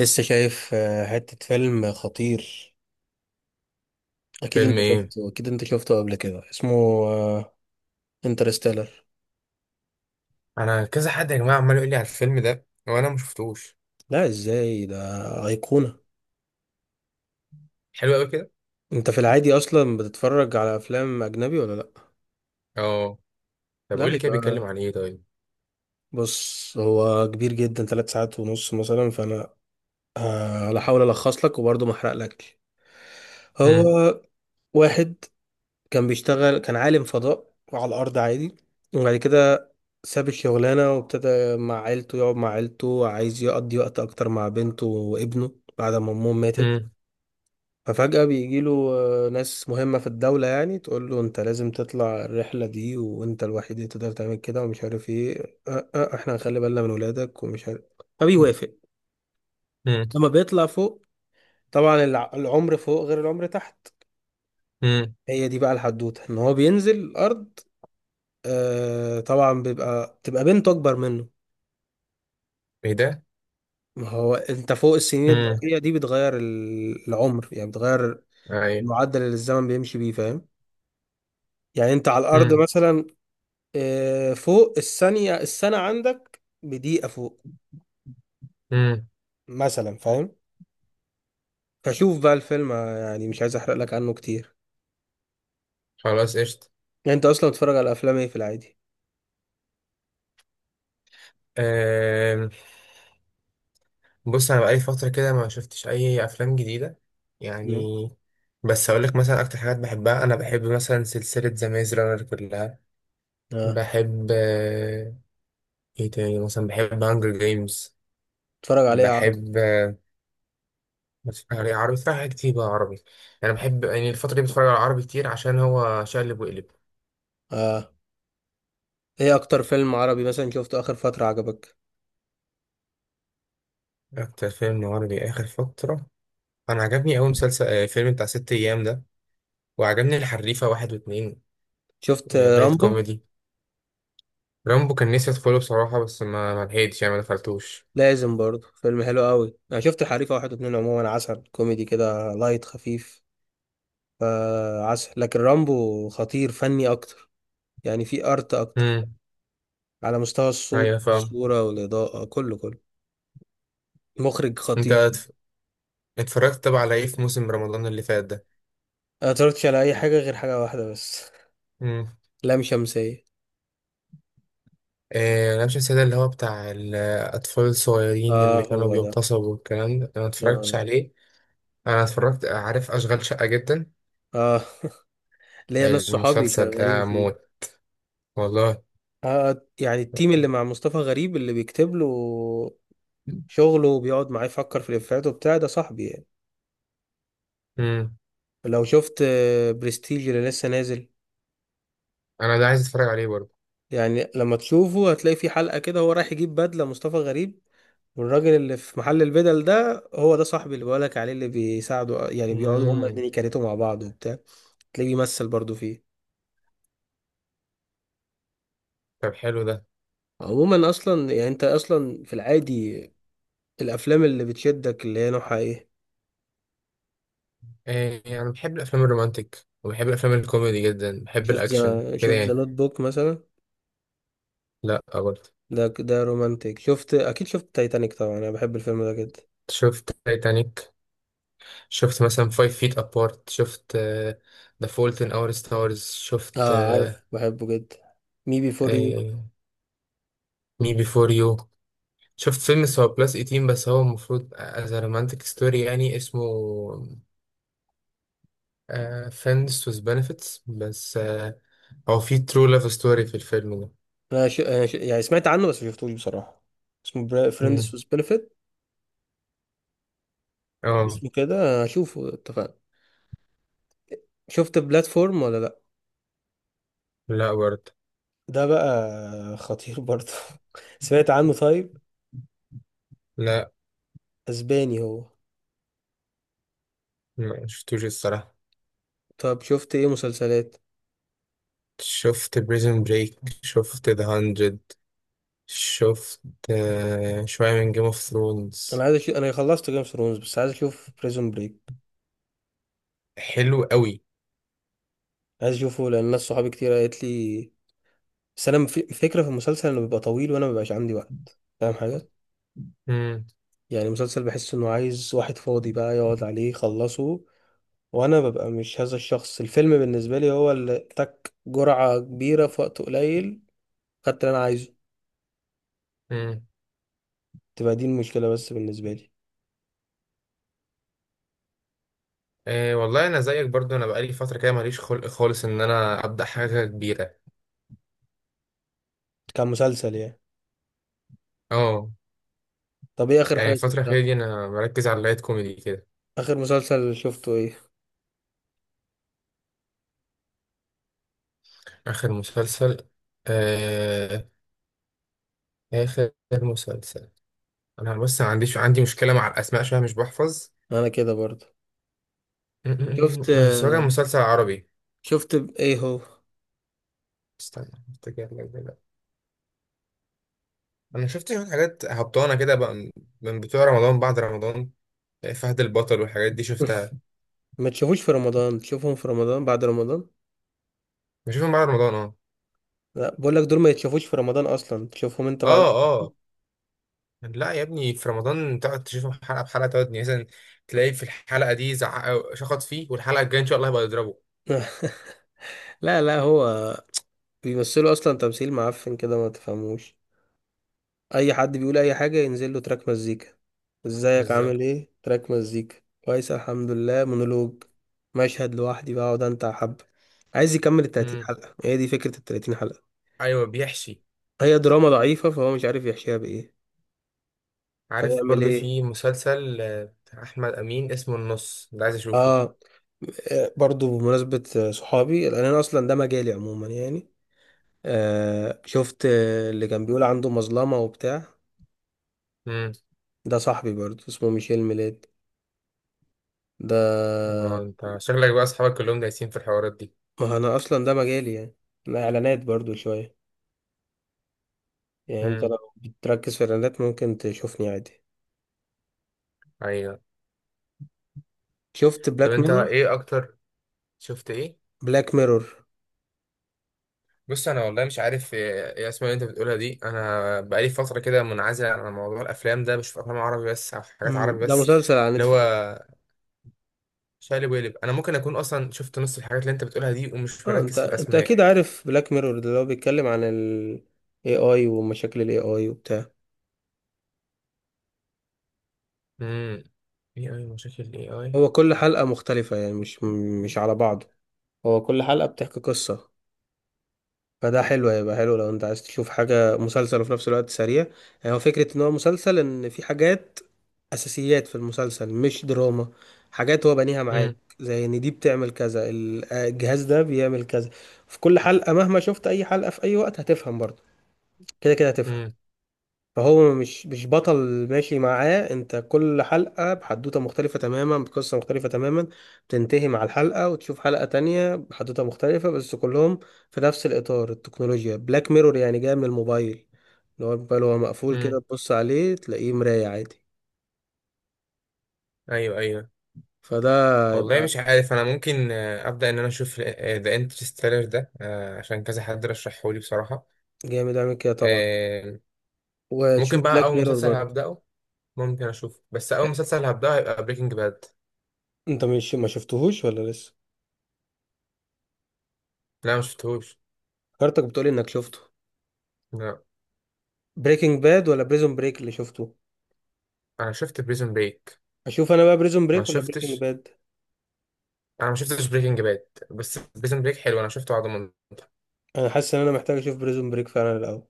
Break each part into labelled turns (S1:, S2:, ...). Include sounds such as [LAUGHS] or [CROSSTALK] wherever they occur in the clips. S1: لسه شايف حتة فيلم خطير. أكيد
S2: فيلم
S1: أنت
S2: ايه؟
S1: شفته أكيد أنت شفته قبل كده، اسمه انترستيلر.
S2: انا كذا حد يا جماعه عمال يقول لي على الفيلم ده وانا ما شفتوش.
S1: لا، إزاي ده؟ أيقونة.
S2: حلو قوي كده.
S1: أنت في العادي أصلا بتتفرج على أفلام أجنبي ولا لأ؟
S2: اه. طب
S1: لا
S2: قول لي كده بيتكلم
S1: يبقى.
S2: عن ايه طيب.
S1: بص، هو كبير جدا، ثلاث ساعات ونص مثلا، فأنا هحاول ألخص لك وبرضه ما أحرقلكش.
S2: امم
S1: هو واحد كان بيشتغل، كان عالم فضاء على الأرض عادي. وبعد كده ساب الشغلانة وابتدى مع عيلته، يقعد مع عيلته، عايز يقضي وقت أكتر مع بنته وابنه بعد ما أمهم ماتت.
S2: امم
S1: ففجأة بيجيله ناس مهمة في الدولة، يعني تقول له أنت لازم تطلع الرحلة دي وأنت الوحيد اللي تقدر تعمل كده، ومش عارف إيه أه أه إحنا هنخلي بالنا من ولادك ومش عارف. فبيوافق.
S2: امم
S1: لما بيطلع فوق، طبعا العمر فوق غير العمر تحت.
S2: امم
S1: هي دي بقى الحدوتة، إن هو بينزل الأرض. آه طبعا بيبقى تبقى بنته اكبر منه.
S2: ايه ده؟
S1: ما هو انت فوق السنين
S2: امم.
S1: الضوئية دي بتغير العمر، يعني بتغير
S2: ايوه.
S1: المعدل اللي الزمن بيمشي بيه، فاهم؟ يعني انت على الارض
S2: امم.
S1: مثلا فوق الثانية، السنة عندك بدقيقة فوق
S2: امم.
S1: مثلا، فاهم؟ فشوف بقى الفيلم، يعني مش عايز احرق لك عنه كتير.
S2: خلاص قشطه.
S1: يعني انت اصلا بتتفرج على افلام ايه في العادي؟
S2: أم، بص انا بقالي فتره كده ما شفتش اي افلام جديده يعني.
S1: مم.
S2: بس اقول لك مثلا اكتر حاجات بحبها، انا بحب مثلا سلسله ذا ميز رانر كلها.
S1: اه.
S2: بحب ايه تاني؟ مثلا بحب هانجر جيمز.
S1: بتتفرج على ايه عربي؟
S2: بحب، بس يعني عربي، في حاجات كتير بقى عربي. انا بحب يعني الفتره دي بتفرج على عربي كتير عشان هو شقلب وقلب.
S1: اه. ايه اكتر فيلم عربي مثلا شفته اخر فترة عجبك؟
S2: اكتر فيلم عربي اخر فتره انا عجبني اوي مسلسل فيلم بتاع ست ايام ده، وعجبني الحريفه واحد واتنين.
S1: شفت
S2: لايت
S1: رامبو؟
S2: كوميدي. رامبو كان نفسي ادخله بصراحه، بس ما لحقتش يعني ما دخلتوش.
S1: لازم برضه، فيلم حلو قوي. انا شفت الحريفه واحد واتنين، عموما عسل، كوميدي كده لايت خفيف، فعسل. لكن رامبو خطير فني اكتر، يعني في ارت اكتر،
S2: امم.
S1: على مستوى الصوت
S2: ايوه فاهم.
S1: والصوره والاضاءه، كله كله. مخرج
S2: انت
S1: خطير.
S2: اتف- اتفرجت طبعا على ايه في موسم رمضان اللي فات ده؟
S1: انا متفرجتش على اي حاجه غير حاجه واحده بس،
S2: امم.
S1: لام شمسيه.
S2: انا مش نسيت، اللي هو بتاع الاطفال الصغيرين
S1: اه
S2: اللي كانوا
S1: هو ده.
S2: بيغتصبوا والكلام ده، انا ما اتفرجتش
S1: اه.
S2: عليه. انا اتفرجت، عارف اشغال شقة جدا
S1: آه. [LAUGHS] ليا ناس صحابي
S2: المسلسل
S1: شغالين
S2: ده،
S1: فيه.
S2: موت والله.
S1: يعني التيم اللي مع مصطفى غريب، اللي بيكتب له شغله وبيقعد معاه يفكر في الإفيهات وبتاع، ده صاحبي يعني.
S2: امم.
S1: لو شفت برستيج اللي لسه نازل،
S2: انا ده عايز اتفرج عليه برضه.
S1: يعني لما تشوفه هتلاقي في حلقة كده هو رايح يجيب بدلة مصطفى غريب، والراجل اللي في محل البدل ده هو ده صاحبي اللي بقولك عليه، اللي بيساعده، يعني بيقعدوا هما
S2: امم.
S1: الاتنين يكاريتوا مع بعض وبتاع. تلاقيه بيمثل برضو فيه.
S2: طب حلو ده.
S1: عموما اصلا، يعني انت اصلا في العادي الافلام اللي بتشدك اللي هي نوعها ايه؟
S2: إيه، انا بحب الافلام الرومانتيك وبحب الافلام الكوميدي جدا، بحب
S1: شفت
S2: الاكشن
S1: ذا
S2: كده
S1: شفت ذا
S2: يعني.
S1: نوت بوك مثلا؟
S2: لا برضه.
S1: ده رومانتيك. اكيد شفت تايتانيك طبعا، انا بحب الفيلم ده جدا.
S2: شفت تايتانيك. شفت مثلا فايف فيت ابارت، شفت ذا فولت ان اور ستارز، شفت
S1: اه عارف، بحبه جدا. مي بي فور يو،
S2: مي بيفور يو. شفت فيلم بس هو بلس 18، بس هو المفروض از رومانتيك ستوري يعني، اسمه فريندز with benefits، بس هو في true love story في الفيلم ده.
S1: انا ش... أنا ش... يعني سمعت عنه بس ما شفتوش بصراحة. اسمه فريندز
S2: مم.
S1: وذ بنفيت.
S2: اه.
S1: اسمه كده، هشوفه، اتفقنا. شفت بلاتفورم ولا لا؟
S2: لا برضه.
S1: ده بقى خطير برضه. [LAUGHS] سمعت عنه؟ طيب.
S2: لا
S1: اسباني هو.
S2: ما شفتوش الصراحة.
S1: طب شفت ايه مسلسلات؟
S2: شفت بريزن بريك، شفت ذا هاندرد، شفت شوية من جيم اوف ثرونز.
S1: انا خلصت جيم اوف ثرونز بس عايز اشوف بريزون بريك.
S2: حلو قوي.
S1: عايز اشوفه لان ناس صحابي كتير قالت لي. بس انا فكرة في المسلسل انه بيبقى طويل، وانا مبيبقاش عندي وقت، فاهم حاجة؟
S2: مم.
S1: يعني مسلسل بحس انه عايز واحد فاضي بقى يقعد عليه يخلصه، وانا ببقى مش هذا الشخص. الفيلم بالنسبه لي هو اللي تك جرعه كبيره في وقت قليل، خدت اللي انا عايزه.
S2: مم.
S1: تبقى دي المشكله بس بالنسبه لي
S2: آه والله انا زيك برضو، انا بقالي فترة كده ماليش خلق خالص ان انا ابدأ حاجة كبيرة.
S1: كمسلسل يعني.
S2: اه.
S1: طب ايه اخر
S2: يعني
S1: حاجه
S2: الفترة الأخيرة
S1: شفتها؟
S2: دي انا مركز على اللايت كوميدي كده.
S1: اخر مسلسل شفته ايه؟
S2: اخر مسلسل آه، آخر مسلسل، أنا بص ما عنديش، عندي مشكلة مع الأسماء شوية مش بحفظ.
S1: انا كده برضه.
S2: م- م- م.
S1: شفت
S2: بس هو كان مسلسل عربي.
S1: ايه هو؟
S2: استنى أفتكر لك دلوقتي. أنا شفت شوية حاجات هبطانة كده بقى، من بتوع رمضان بعد رمضان، يعني فهد البطل والحاجات دي شفتها.
S1: [LAUGHS] ما تشوفوش في رمضان، تشوفهم في رمضان بعد رمضان.
S2: بشوفهم بعد رمضان أه.
S1: لا بقول لك دول ما يتشافوش في رمضان اصلا، تشوفهم انت
S2: أه
S1: بعد.
S2: أه. لا يا ابني، في رمضان تقعد تشوفهم حلقة بحلقة، تقعد يعني مثلا تلاقي في الحلقة دي زعق شخط فيه، والحلقة الجاية إن شاء الله هيبقى يضربه.
S1: [LAUGHS] لا لا، هو بيمثلوا اصلا تمثيل معفن كده ما تفهموش. اي حد بيقول اي حاجه ينزل له تراك مزيكا. ازيك
S2: بالظبط.
S1: عامل ايه، تراك مزيكا. كويس الحمد لله، مونولوج. مشهد لوحدي بقعد انت حب. عايز يكمل ال 30
S2: مم.
S1: حلقه، هي دي فكره ال 30 حلقه.
S2: أيوه بيحشي.
S1: هي دراما ضعيفه، فهو مش عارف يحشيها بايه،
S2: عارف
S1: فيعمل
S2: برضو
S1: ايه.
S2: في مسلسل بتاع احمد امين اسمه النص ده، عايز اشوفه.
S1: اه. برضو بمناسبه صحابي، لان انا اصلا ده مجالي عموما يعني. شفت اللي كان بيقول عنده مظلمه وبتاع؟
S2: امم.
S1: ده صاحبي برضو اسمه ميشيل ميلاد ده.
S2: انت شكلك بقى اصحابك كلهم دايسين في الحوارات دي.
S1: ما انا اصلا ده مجالي يعني. انا اعلانات برضو شويه، يعني انت
S2: امم.
S1: لو بتركز في الاعلانات ممكن تشوفني عادي.
S2: ايوه.
S1: شفت
S2: طب
S1: بلاك
S2: انت
S1: ميرور؟
S2: ايه اكتر؟ شفت ايه؟
S1: بلاك ميرور.
S2: بص انا والله مش عارف ايه، إيه اسمها اللي انت بتقولها دي، انا بقالي فتره كده منعزل عن موضوع الافلام ده، بشوف افلام عربي بس او حاجات
S1: امم،
S2: عربي
S1: ده
S2: بس،
S1: مسلسل على
S2: اللي هو
S1: نتفليكس.
S2: شقلب وقلب. انا ممكن اكون اصلا شفت نص الحاجات اللي انت بتقولها دي ومش
S1: اه، انت
S2: مركز في
S1: انت اكيد
S2: الاسماء.
S1: عارف بلاك ميرور ده، اللي هو بيتكلم عن ال AI ومشاكل ال AI وبتاع.
S2: امم. ايه اي مشاكل الاي اي؟
S1: هو كل حلقة مختلفة، يعني مش على بعض. هو كل حلقة بتحكي قصة، فده حلو. هيبقى حلو لو انت عايز تشوف حاجة مسلسل وفي نفس الوقت سريع. يعني هو فكرة ان هو مسلسل، ان في حاجات اساسيات في المسلسل، مش دراما، حاجات هو بنيها معاك،
S2: امم.
S1: زي ان دي بتعمل كذا، الجهاز ده بيعمل كذا. في كل حلقة، مهما شفت اي حلقة في اي وقت هتفهم برضه، كده كده هتفهم.
S2: امم.
S1: فهو مش بطل ماشي معاه انت. كل حلقة بحدوتة مختلفة تماما، بقصة مختلفة تماما، بتنتهي مع الحلقة وتشوف حلقة تانية بحدوتة مختلفة، بس كلهم في نفس الإطار، التكنولوجيا. بلاك ميرور يعني جاي من الموبايل، اللي هو الموبايل هو مقفول
S2: امم.
S1: كده تبص عليه تلاقيه مراية عادي.
S2: ايوه ايوه.
S1: فده
S2: والله مش عارف، انا ممكن ابدا ان انا اشوف ذا انترستيلر ده، عشان كذا حد رشحه لي بصراحه.
S1: جامد. اعمل كده طبعا،
S2: آه. ممكن
S1: وتشوف
S2: بقى
S1: بلاك
S2: اول
S1: ميرور
S2: مسلسل
S1: برضه.
S2: هبداه، ممكن اشوفه، بس اول
S1: لا
S2: مسلسل هبداه هيبقى بريكنج باد.
S1: انت مش ما شفتهوش ولا لسه؟
S2: لا ما شفتهوش.
S1: كارتك بتقولي انك شفته.
S2: لا.
S1: بريكنج باد ولا بريزون بريك اللي شفته؟
S2: انا شفت بريزون بريك.
S1: اشوف انا بقى بريزون
S2: ما
S1: بريك ولا بريكنج
S2: شفتش،
S1: باد؟
S2: انا ما شفتش بريكنج باد، بس بريزون بريك حلو، انا شفته على ضمان.
S1: انا حاسس ان انا محتاج اشوف بريزون بريك فعلا الاول.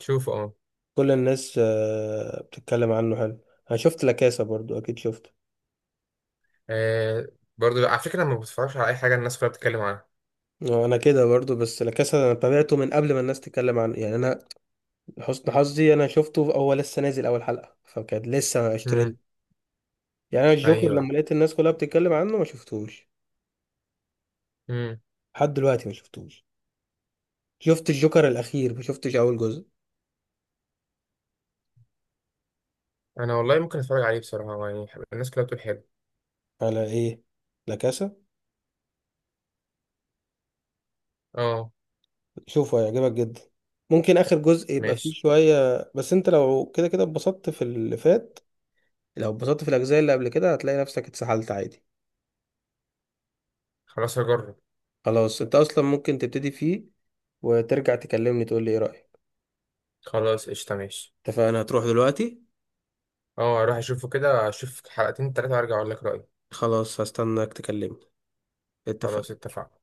S2: شوفه اه.
S1: كل الناس بتتكلم عنه حلو. انا شفت لاكاسا برضو اكيد شفته.
S2: آه، برضه لا، على فكره انا ما بتفرجش على اي حاجه الناس كلها بتتكلم عنها.
S1: انا كده برضو، بس لاكاسا انا تابعته من قبل ما الناس تتكلم عنه، يعني انا حسن حظي انا شفته هو لسه نازل اول حلقة فكانت لسه اشترين.
S2: امم.
S1: يعني انا الجوكر
S2: ايوه.
S1: لما لقيت الناس كلها بتتكلم عنه ما شفتهوش
S2: امم.
S1: لحد دلوقتي، ما شفتوش. شفت الجوكر الاخير، ما شفتش اول جزء.
S2: انا والله ممكن اتفرج عليه بصراحه يعني، الناس كلها بتقول حلو.
S1: على ايه؟ لا كاسا.
S2: اه.
S1: شوفه، هيعجبك جدا. ممكن اخر جزء يبقى فيه
S2: ماشي.
S1: شويه، بس انت لو كده كده اتبسطت في اللي فات، لو اتبسطت في الاجزاء اللي قبل كده هتلاقي نفسك اتسحلت عادي.
S2: خلاص هجرب.
S1: خلاص، انت اصلا ممكن تبتدي فيه، وترجع تكلمني تقول لي ايه رايك.
S2: خلاص قشطة ماشي.
S1: اتفقنا، هتروح دلوقتي.
S2: اه اروح اشوفه كده، اشوف حلقتين تلاتة وارجع اقول لك رأيي.
S1: خلاص هستناك تكلمني.
S2: خلاص
S1: اتفقنا.
S2: اتفقنا.